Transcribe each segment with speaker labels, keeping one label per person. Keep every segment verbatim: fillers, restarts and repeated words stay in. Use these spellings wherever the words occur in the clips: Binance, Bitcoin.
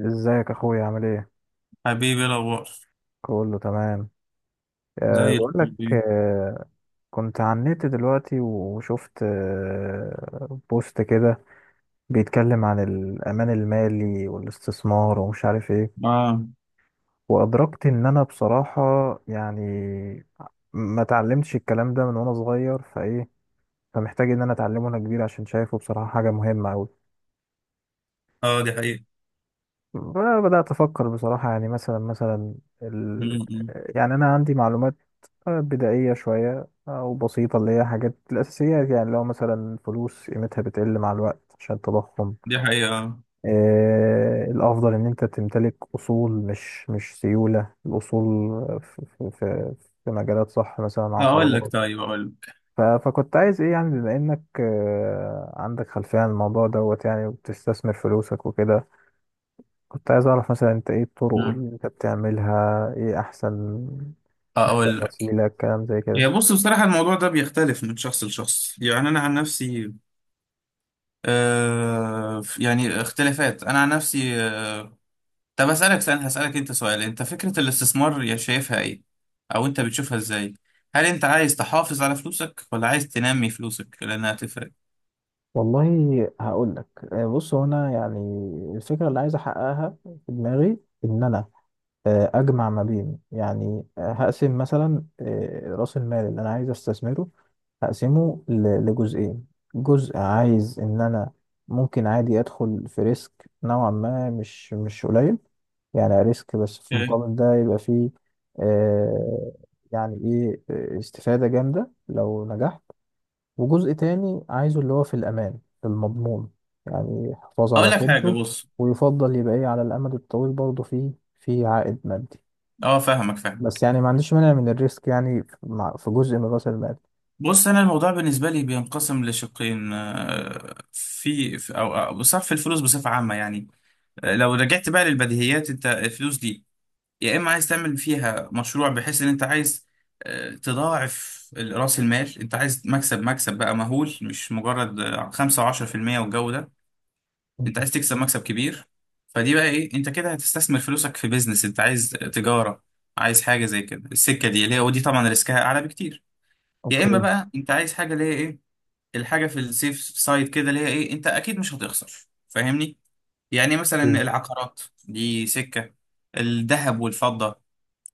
Speaker 1: ازيك يا اخويا عامل ايه؟
Speaker 2: حبيبي إيه الاخبار.
Speaker 1: كله تمام. أه
Speaker 2: زي
Speaker 1: بقول لك
Speaker 2: الفل.
Speaker 1: أه كنت على النت دلوقتي وشفت أه بوست كده بيتكلم عن الامان المالي والاستثمار ومش عارف ايه.
Speaker 2: اه
Speaker 1: وادركت ان انا بصراحة، يعني ما اتعلمتش الكلام ده من وانا صغير فايه. فمحتاج ان انا اتعلمه وانا كبير عشان شايفه بصراحة حاجة مهمة قوي.
Speaker 2: اه دي حقيقة.
Speaker 1: بدأت افكر بصراحة، يعني مثلا مثلا ال...
Speaker 2: م-م.
Speaker 1: يعني انا عندي معلومات آه، بدائية شوية أو بسيطة، اللي هي حاجات الأساسيات. يعني لو مثلا فلوس قيمتها بتقل مع الوقت عشان التضخم،
Speaker 2: دي حقيقة آه.
Speaker 1: آه الأفضل إن أنت تمتلك أصول، مش مش سيولة. الأصول في, في, في, في مجالات، صح، مثلا
Speaker 2: اقول
Speaker 1: عقارات.
Speaker 2: لك، طيب اقول لك
Speaker 1: ف- فكنت عايز إيه، يعني بما إنك آه عندك خلفية عن الموضوع دوت، يعني وبتستثمر فلوسك وكده. كنت عايز أعرف مثلا أنت إيه الطرق
Speaker 2: آه.
Speaker 1: اللي أنت بتعملها، إيه أحسن أحسن
Speaker 2: اقول لك،
Speaker 1: وسيلة الكلام زي كده.
Speaker 2: هي بص بصراحة الموضوع ده بيختلف من شخص لشخص، يعني انا عن نفسي آه، يعني اختلافات انا عن نفسي آه. طب اسالك سؤال، هسالك انت سؤال، انت فكرة الاستثمار يا شايفها ايه؟ او انت بتشوفها ازاي؟ هل انت عايز تحافظ على فلوسك ولا عايز تنمي فلوسك؟ لانها هتفرق.
Speaker 1: والله، هقول لك. آه، بص، هو انا يعني الفكره اللي عايز احققها في دماغي ان انا آه، اجمع ما بين، يعني آه، هقسم مثلا آه، راس المال اللي انا عايز استثمره. هقسمه ل- لجزئين. جزء عايز ان انا ممكن عادي ادخل في ريسك نوعا ما، مش مش قليل، يعني ريسك، بس في
Speaker 2: أوكي.
Speaker 1: المقابل ده يبقى فيه آه، يعني ايه، آه، استفاده جامده لو نجحت. وجزء تاني عايزه اللي هو في الأمان، في المضمون، يعني يحافظ على
Speaker 2: اقول لك حاجة،
Speaker 1: قيمته،
Speaker 2: بص.
Speaker 1: ويفضل يبقى إيه على الأمد الطويل، برضه فيه في عائد مادي.
Speaker 2: اه فاهمك
Speaker 1: بس
Speaker 2: فاهمك
Speaker 1: يعني ما عنديش مانع من الريسك، يعني في مع- في جزء من رأس المال.
Speaker 2: بص انا الموضوع بالنسبه لي بينقسم لشقين، آه، في في- او أو صرف الفلوس بصفه عامه، يعني آه، لو رجعت بقى للبديهيات، انت الفلوس دي يا اما عايز تعمل فيها مشروع، بحيث ان انت عايز آه، تضاعف ال- راس المال، انت عايز مكسب مكسب بقى مهول، مش مجرد آه، خمسة و10% والجو ده.
Speaker 1: مم.
Speaker 2: انت عايز تكسب مكسب كبير، فدي بقى ايه، انت كده هتستثمر فلوسك في بيزنس، انت عايز تجاره، عايز حاجه زي كده السكه دي اللي هي، ودي طبعا ريسكها اعلى بكتير. يا اما
Speaker 1: اوكي.
Speaker 2: بقى انت عايز حاجه اللي هي إيه، الحاجة في السيف سايد كده، اللي هي ايه، انت اكيد مش هتخسر، فاهمني؟ يعني مثلا
Speaker 1: اوكي.
Speaker 2: العقارات دي سكة. الذهب والفضة،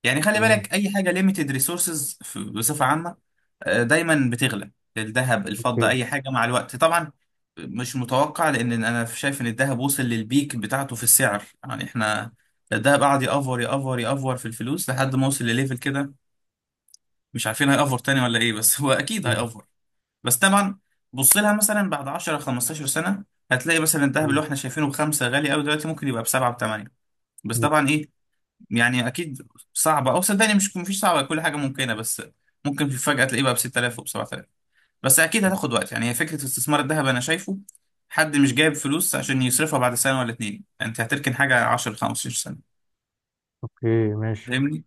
Speaker 2: يعني خلي
Speaker 1: تمام.
Speaker 2: بالك، اي حاجة ليميتد ريسورسز بصفة عامة، آه، دايما بتغلى. الذهب، الفضة،
Speaker 1: اوكي.
Speaker 2: اي حاجة مع الوقت طبعا. مش متوقع، لان انا شايف ان الذهب وصل للبيك بتاعته في السعر، يعني احنا الذهب قعد يأفور يأفور يأفور في الفلوس لحد ما وصل لليفل كده، مش عارفين هيأفور تاني ولا ايه، بس هو اكيد
Speaker 1: مم.
Speaker 2: هيأفور. بس طبعا بص لها مثلا، بعد عشرة خمستاشر سنه هتلاقي مثلا الذهب اللي
Speaker 1: مم.
Speaker 2: احنا شايفينه بخمسه غالي قوي دلوقتي، ممكن يبقى بسبعه بثمانيه. بس
Speaker 1: مم.
Speaker 2: طبعا ايه، يعني اكيد صعبه، او صدقني مش مفيش صعبه، كل حاجه ممكنه، بس ممكن في فجاه تلاقيه بقى ب ستة آلاف وب سبعة آلاف. بس اكيد هتاخد وقت، يعني هي فكره استثمار الذهب انا شايفه، حد مش جايب فلوس عشان يصرفها بعد سنه ولا اتنين، يعني انت هتركن حاجه عشرة خمسة عشر سنه،
Speaker 1: اوكي، ماشي.
Speaker 2: فاهمني؟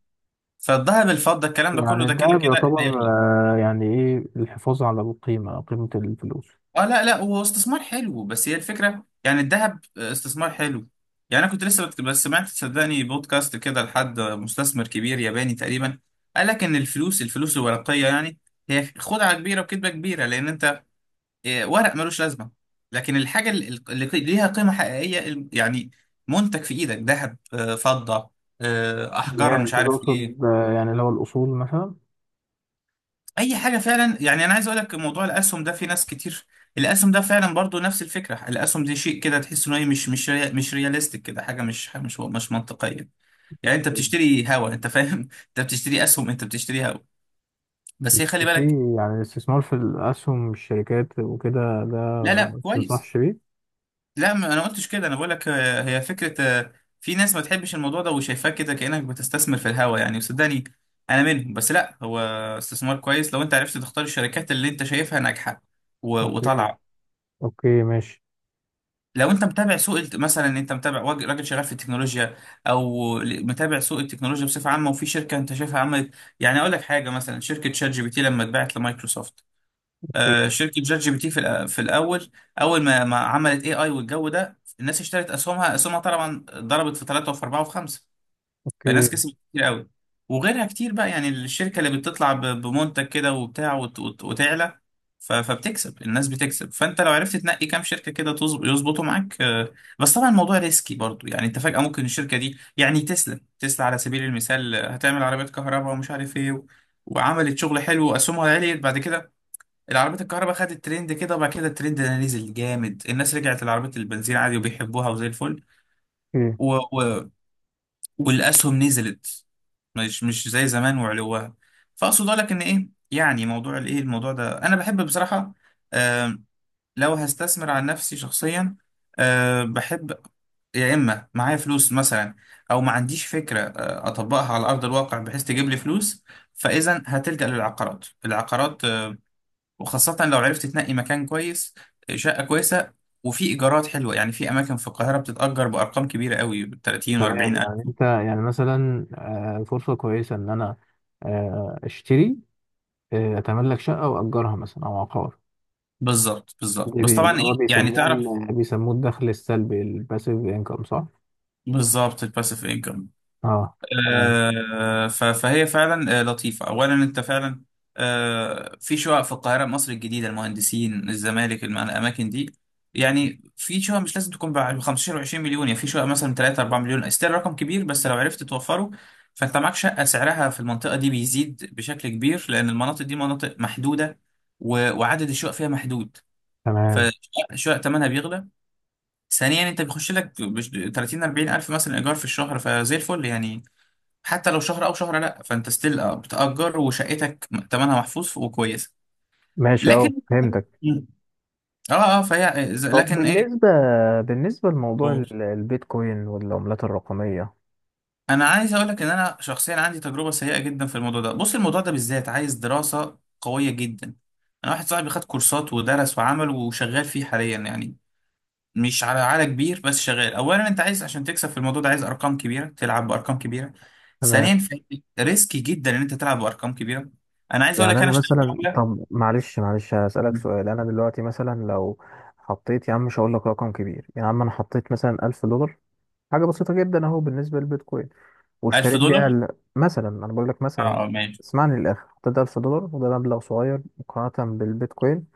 Speaker 2: فالذهب الفضه الكلام ده كله،
Speaker 1: يعني
Speaker 2: ده كده
Speaker 1: الدهب
Speaker 2: كده
Speaker 1: يعتبر
Speaker 2: هيغلى.
Speaker 1: آه، يعني ايه، الحفاظ على القيمة، قيمة الفلوس.
Speaker 2: اه لا لا، هو استثمار حلو، بس هي الفكره، يعني الذهب آه، استثمار حلو. يعني انا كنت لسه بت- بس سمعت صدقني بودكاست كده لحد مستثمر كبير ياباني تقريبا، قال لك ان الفلوس الفلوس الورقيه يعني هي خدعه كبيره وكذبه كبيره، لان انت آه، ورق ملوش لازمه. لكن الحاجه اللي اللي قي- ليها قيمه حقيقيه، ال- يعني منتج في ايدك، ذهب، آه، فضه، آه،
Speaker 1: اللي
Speaker 2: احجار،
Speaker 1: هي
Speaker 2: مش
Speaker 1: انت
Speaker 2: عارف ايه.
Speaker 1: تقصد آه، يعني اللي هو الأصول مثلا.
Speaker 2: اي حاجه فعلا. يعني انا عايز اقول لك موضوع الاسهم ده، في ناس كتير الاسهم ده فعلا برضو نفس الفكره، الاسهم دي شيء كده تحس انه إيه، مش مش ريا- مش رياليستيك كده، حاجه مش مش مش منطقيه، يعني انت بتشتري هوا، انت فاهم، انت بتشتري اسهم انت بتشتري هوا. بس هي خلي بالك.
Speaker 1: في يعني الاستثمار في الأسهم، الشركات وكده، ده
Speaker 2: لا لا كويس.
Speaker 1: متنصحش بيه؟
Speaker 2: لا ما انا قلتش كده، انا بقول لك آه، هي فكره. آه، في ناس ما تحبش الموضوع ده وشايفاه كده، كانك بتستثمر في الهوا، يعني وصدقني انا منهم، بس لا هو استثمار كويس لو انت عرفت تختار الشركات اللي انت شايفها ناجحه و-
Speaker 1: أوكي.
Speaker 2: وطالعه.
Speaker 1: أوكي، ماشي.
Speaker 2: لو انت متابع سوق الت- مثلا، ان انت متابع واج- راجل شغال في التكنولوجيا، او ل- متابع سوق التكنولوجيا بصفه عامه، وفي شركه انت شايفها عملت، يعني اقول لك حاجه، مثلا شركه شات جي بي تي لما اتباعت لمايكروسوفت، آه،
Speaker 1: أوكي.
Speaker 2: شركه شات جي بي تي في الأ- في الاول، اول ما ما عملت اي اي والجو ده، الناس اشترت اسهمها اسهمها طبعا ضربت في ثلاثه وفي اربعه وفي خمسه، فالناس
Speaker 1: أوكي.
Speaker 2: كسبت كتير قوي. وغيرها كتير بقى، يعني الشركة اللي بتطلع ب- بمنتج كده وبتاع وت- وت- وتعلى، ف- فبتكسب، الناس بتكسب، فانت لو عرفت تنقي كام شركة كده تظب- يظبطوا معاك آه، بس طبعا الموضوع ريسكي برضو، يعني انت فجأة ممكن الشركة دي يعني، تسلا تسلا على سبيل المثال، آه، هتعمل عربيات كهرباء ومش عارف ايه، و- وعملت شغل حلو واسهمها عليت، بعد كده العربيات الكهرباء خدت ترند كده، وبعد كده الترند ده نزل جامد، الناس رجعت لعربيات البنزين عادي وبيحبوها وزي
Speaker 1: أوكي.
Speaker 2: الفل، والاسهم نزلت، مش مش زي زمان وعلوها. فاقصد لك ان ايه، يعني موضوع الايه، الموضوع ده انا بحب بصراحه. آم، لو هستثمر عن نفسي شخصيا، آه، بحب يا اما معايا فلوس مثلا، او ما عنديش فكره آه، اطبقها على ارض الواقع بحيث تجيب لي فلوس، فاذا هتلجأ للعقارات. العقارات آه، وخاصه لو عرفت تنقي مكان كويس، آه، شقه كويسه، وفي ايجارات حلوه، يعني في اماكن في القاهره بتتأجر بارقام كبيره قوي، تلاتين و40
Speaker 1: تمام. يعني
Speaker 2: الف.
Speaker 1: أنت، يعني مثلا آه، فرصة كويسة إن أنا آه، أشتري، آه، أتملك شقة وأجرها مثلا، أو عقار.
Speaker 2: بالظبط بالظبط
Speaker 1: دي
Speaker 2: بس
Speaker 1: بي-
Speaker 2: طبعا
Speaker 1: ده هو
Speaker 2: ايه، يعني تعرف.
Speaker 1: بيسمون بيسموه الدخل السلبي، الباسيف إنكم، صح؟
Speaker 2: بالظبط، الباسيف انكم.
Speaker 1: أه. تمام.
Speaker 2: آه ف- فهي فعلا آه لطيفه. اولا انت فعلا آه في شقق في القاهره، مصر الجديده، المهندسين، الزمالك، الم- الاماكن دي، يعني في شقق مش لازم تكون ب خمستاشر و20 مليون، يعني في شقق مثلا ثلاثة اربعة مليون، استيل رقم كبير بس لو عرفت توفره، فانت معاك شقه سعرها في المنطقه دي بيزيد بشكل كبير، لان المناطق دي مناطق محدوده و- وعدد الشقق فيها محدود،
Speaker 1: تمام،
Speaker 2: فشقق شقق ثمنها بيغلى. ثانيا انت بيخش لك بش- تلاتين اربعين الف مثلا ايجار في الشهر، فزي الفل يعني، حتى لو شهر او شهر لا، فانت ستيل بتأجر وشقتك تمنها محفوظ وكويسه.
Speaker 1: ماشي، أه،
Speaker 2: لكن
Speaker 1: فهمتك.
Speaker 2: اه اه فهي إذا-
Speaker 1: طب
Speaker 2: لكن ايه.
Speaker 1: بالنسبة بالنسبة لموضوع
Speaker 2: قول.
Speaker 1: ال- البيتكوين والعملات الرقمية.
Speaker 2: انا عايز اقول لك ان انا شخصيا عندي تجربه سيئه جدا في الموضوع ده. بص الموضوع ده بالذات عايز دراسه قويه جدا، انا واحد صاحبي خد كورسات ودرس وعمل وشغال فيه حاليا، يعني مش على على كبير بس شغال. اولا انت عايز، عشان تكسب في الموضوع ده عايز ارقام كبيره، تلعب بارقام كبيره.
Speaker 1: تمام.
Speaker 2: ثانيا ريسكي جدا ان انت تلعب بارقام كبيره. انا عايز اقول
Speaker 1: يعني
Speaker 2: لك، انا
Speaker 1: انا
Speaker 2: اشتريت
Speaker 1: مثلا،
Speaker 2: عمله
Speaker 1: طب معلش معلش، هسألك سؤال. انا دلوقتي مثلا لو حطيت يا عم، مش هقول لك رقم كبير يا عم، انا حطيت مثلا ألف دولار، حاجة بسيطة جدا اهو بالنسبة للبيتكوين،
Speaker 2: 1000
Speaker 1: واشتريت بيها
Speaker 2: دولار
Speaker 1: ال... مثلا، انا بقول لك مثلا،
Speaker 2: اه اه ماشي.
Speaker 1: اسمعني للاخر. حطيت ألف دولار، وده مبلغ صغير مقارنة بالبيتكوين.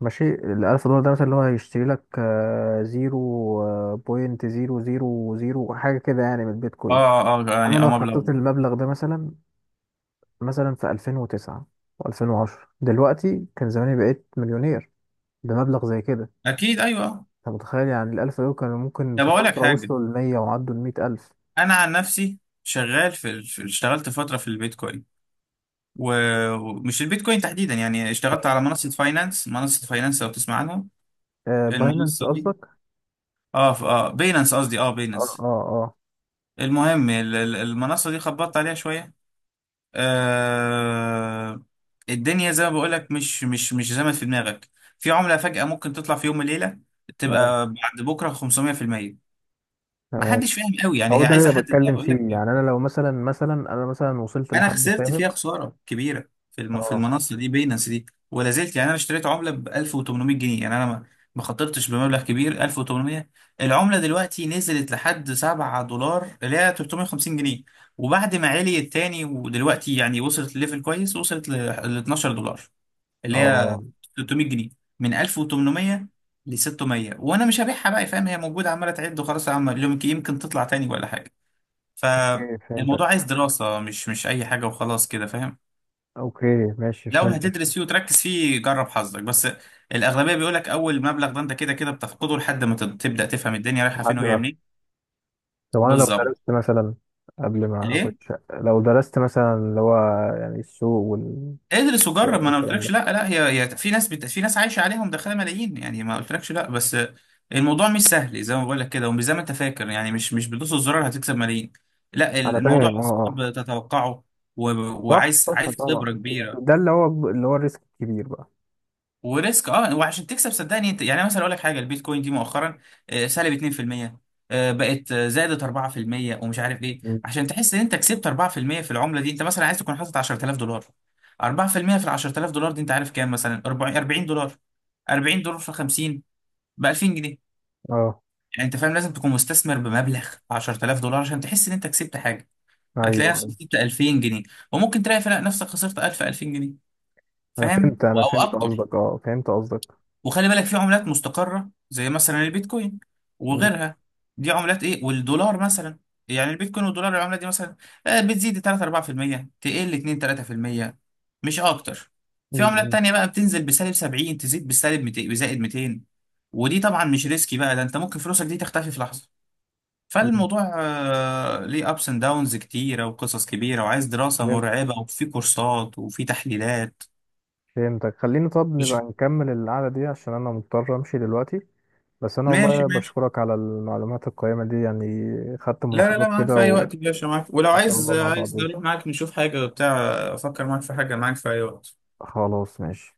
Speaker 1: ماشي، ال ألف دولار ده مثلا اللي هو هيشتري لك آه، زيرو بوينت زيرو زيرو زيرو حاجة كده يعني من
Speaker 2: اه
Speaker 1: البيتكوين.
Speaker 2: اه آه،
Speaker 1: انا
Speaker 2: يعني اه
Speaker 1: لو
Speaker 2: مبلغ.
Speaker 1: حطيت المبلغ ده مثلا، مثلا في ألفين وتسعة و2010 دلوقتي كان زماني بقيت مليونير بمبلغ زي كده.
Speaker 2: اكيد ايوه آه.
Speaker 1: انت متخيل، يعني الألف يورو كانوا ممكن
Speaker 2: طب
Speaker 1: في
Speaker 2: اقول لك
Speaker 1: فترة
Speaker 2: حاجه،
Speaker 1: وصلوا للمية وعدوا المية ألف.
Speaker 2: انا عن نفسي شغال في ال- في- اشتغلت فتره في البيتكوين، و- ومش البيتكوين تحديدا، يعني اشتغلت
Speaker 1: تمام.
Speaker 2: على منصه فاينانس، منصه فاينانس لو تسمع عنها
Speaker 1: آه، باينانس
Speaker 2: المنصه دي.
Speaker 1: قصدك؟
Speaker 2: اه ف- اه بينانس قصدي، اه
Speaker 1: اه،
Speaker 2: بينانس.
Speaker 1: اه، اه،
Speaker 2: المهم ال- ال- المنصة دي خبطت عليها شوية آه. الدنيا زي ما بقولك، مش مش مش زي ما في دماغك، في عملة فجأة ممكن تطلع في يوم وليلة،
Speaker 1: اه،
Speaker 2: تبقى بعد بكرة خمسمية في المية،
Speaker 1: تمام.
Speaker 2: محدش فاهم قوي، يعني
Speaker 1: هو
Speaker 2: هي
Speaker 1: ده
Speaker 2: عايزة
Speaker 1: اللي انا
Speaker 2: حد
Speaker 1: بتكلم
Speaker 2: يقول
Speaker 1: فيه.
Speaker 2: لك.
Speaker 1: يعني انا لو مثلا، مثلا انا مثلا وصلت
Speaker 2: انا
Speaker 1: لحد
Speaker 2: خسرت
Speaker 1: فاهم.
Speaker 2: فيها خساره كبيره في الم... في
Speaker 1: اه،
Speaker 2: المنصه دي، بينانس دي، ولا زلت. يعني انا اشتريت عمله ب ألف وثمانمائة جنيه، يعني انا ما ما خطرتش بمبلغ كبير، ألف وتمنمية. العمله دلوقتي نزلت لحد سبعة دولار، اللي هي تلتمية وخمسين جنيه، وبعد ما عليت تاني ودلوقتي يعني وصلت لليفل كويس، وصلت ل ل اتناشر دولار، اللي هي
Speaker 1: اه،
Speaker 2: ثلاثمائة جنيه، من ألف وتمنمية ل ستمية، وانا مش هبيعها بقى، فاهم؟ هي موجوده عماله تعد، وخلاص يا عم، يمكن يمكن تطلع تاني ولا حاجه.
Speaker 1: اوكي،
Speaker 2: فالموضوع
Speaker 1: فهمتك.
Speaker 2: عايز دراسة، مش مش أي حاجة وخلاص كده، فاهم.
Speaker 1: اوكي، ماشي،
Speaker 2: لو
Speaker 1: فهمتك.
Speaker 2: هتدرس فيه وتركز فيه، جرب حظك، بس الأغلبية بيقولك أول مبلغ ده أنت كده كده بتفقده، لحد ما تب- تبدأ تفهم الدنيا رايحة فين
Speaker 1: لحد
Speaker 2: وجاية
Speaker 1: ما،
Speaker 2: منين.
Speaker 1: طب انا لو
Speaker 2: بالظبط.
Speaker 1: درست مثلا قبل ما اخد
Speaker 2: ليه؟
Speaker 1: شقة، لو درست مثلا اللي هو يعني السوق ولا
Speaker 2: ادرس وجرب، ما أنا
Speaker 1: الكلام
Speaker 2: قلتلكش
Speaker 1: ده.
Speaker 2: لا لا، هي هي في ناس بت... في ناس عايشة عليهم دخلها ملايين، يعني ما قلتلكش لا، بس الموضوع مش سهل زي ما بقولك كده، ومش زي ما أنت فاكر، يعني مش مش بتدوس الزرار هتكسب ملايين، لا
Speaker 1: انا
Speaker 2: الموضوع
Speaker 1: فاهم، اه. اه.
Speaker 2: صعب تتوقعه، و...
Speaker 1: صح،
Speaker 2: وعايز،
Speaker 1: صح،
Speaker 2: عايز
Speaker 1: طبعا.
Speaker 2: خبرة كبيرة،
Speaker 1: ده اللي هو اللي هو الريسك الكبير بقى.
Speaker 2: وريسك اه. وعشان تكسب صدقني انت، يعني مثلا اقول لك حاجه، البيتكوين دي مؤخرا آه، سالب اتنين في المية، آه، بقت آه، زادت اربعة في المية ومش عارف ايه،
Speaker 1: مم.
Speaker 2: عشان تحس ان انت كسبت اربعة في المية في المية في العمله دي، انت مثلا عايز تكون حاطط عشرة آلاف دولار. اربعة في المية في المية في ال عشرة آلاف دولار دي انت عارف كام مثلا؟ 40 40 دولار، اربعين دولار في خمسين، ب ألفين جنيه،
Speaker 1: اه،
Speaker 2: يعني انت فاهم، لازم تكون مستثمر بمبلغ عشرة آلاف دولار عشان تحس ان انت كسبت حاجه،
Speaker 1: ايوه.
Speaker 2: هتلاقي نفسك
Speaker 1: أيوة.
Speaker 2: كسبت ألفين جنيه. وممكن تلاقي فلا نفسك خسرت ألف ألفين جنيه،
Speaker 1: انا
Speaker 2: فاهم
Speaker 1: فهمت
Speaker 2: او
Speaker 1: انا فهمت
Speaker 2: اكتر.
Speaker 1: قصدك، اه، فهمت قصدك.
Speaker 2: وخلي بالك في عملات مستقرة زي مثلا البيتكوين
Speaker 1: مم.
Speaker 2: وغيرها، دي عملات ايه، والدولار مثلا، يعني البيتكوين والدولار، العملة دي مثلا آه، بتزيد تلاتة اربعة في المية، تقل اتنين تلاتة في المية، مش اكتر. في عملات
Speaker 1: مم.
Speaker 2: تانية بقى بتنزل بسالب سبعين، تزيد بالسالب ميتين، بزائد ميتين، ودي طبعا مش ريسكي بقى، ده انت ممكن فلوسك دي تختفي في لحظة.
Speaker 1: مم.
Speaker 2: فالموضوع آه، ليه ابس اند داونز كتيرة وقصص كبيرة، وعايز دراسة
Speaker 1: فهمت.
Speaker 2: مرعبة، وفي كورسات وفي تحليلات.
Speaker 1: فهمتك. خليني، طب نبقى
Speaker 2: مش.
Speaker 1: نكمل القعدة دي عشان انا مضطر امشي دلوقتي. بس انا
Speaker 2: ماشي
Speaker 1: والله
Speaker 2: ماشي
Speaker 1: بشكرك على المعلومات القيمة دي، يعني. خدت
Speaker 2: لا لا
Speaker 1: ملاحظات
Speaker 2: لا، معاك
Speaker 1: كده.
Speaker 2: في اي وقت يا باشا، معاك، ولو
Speaker 1: ان شاء
Speaker 2: عايز،
Speaker 1: الله مع
Speaker 2: عايز
Speaker 1: بعضين.
Speaker 2: اروح معاك نشوف حاجه بتاع، افكر معاك في حاجه، معاك في اي وقت.
Speaker 1: وخلاص، ماشي.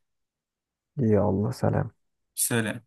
Speaker 1: يلا، سلام.
Speaker 2: سلام.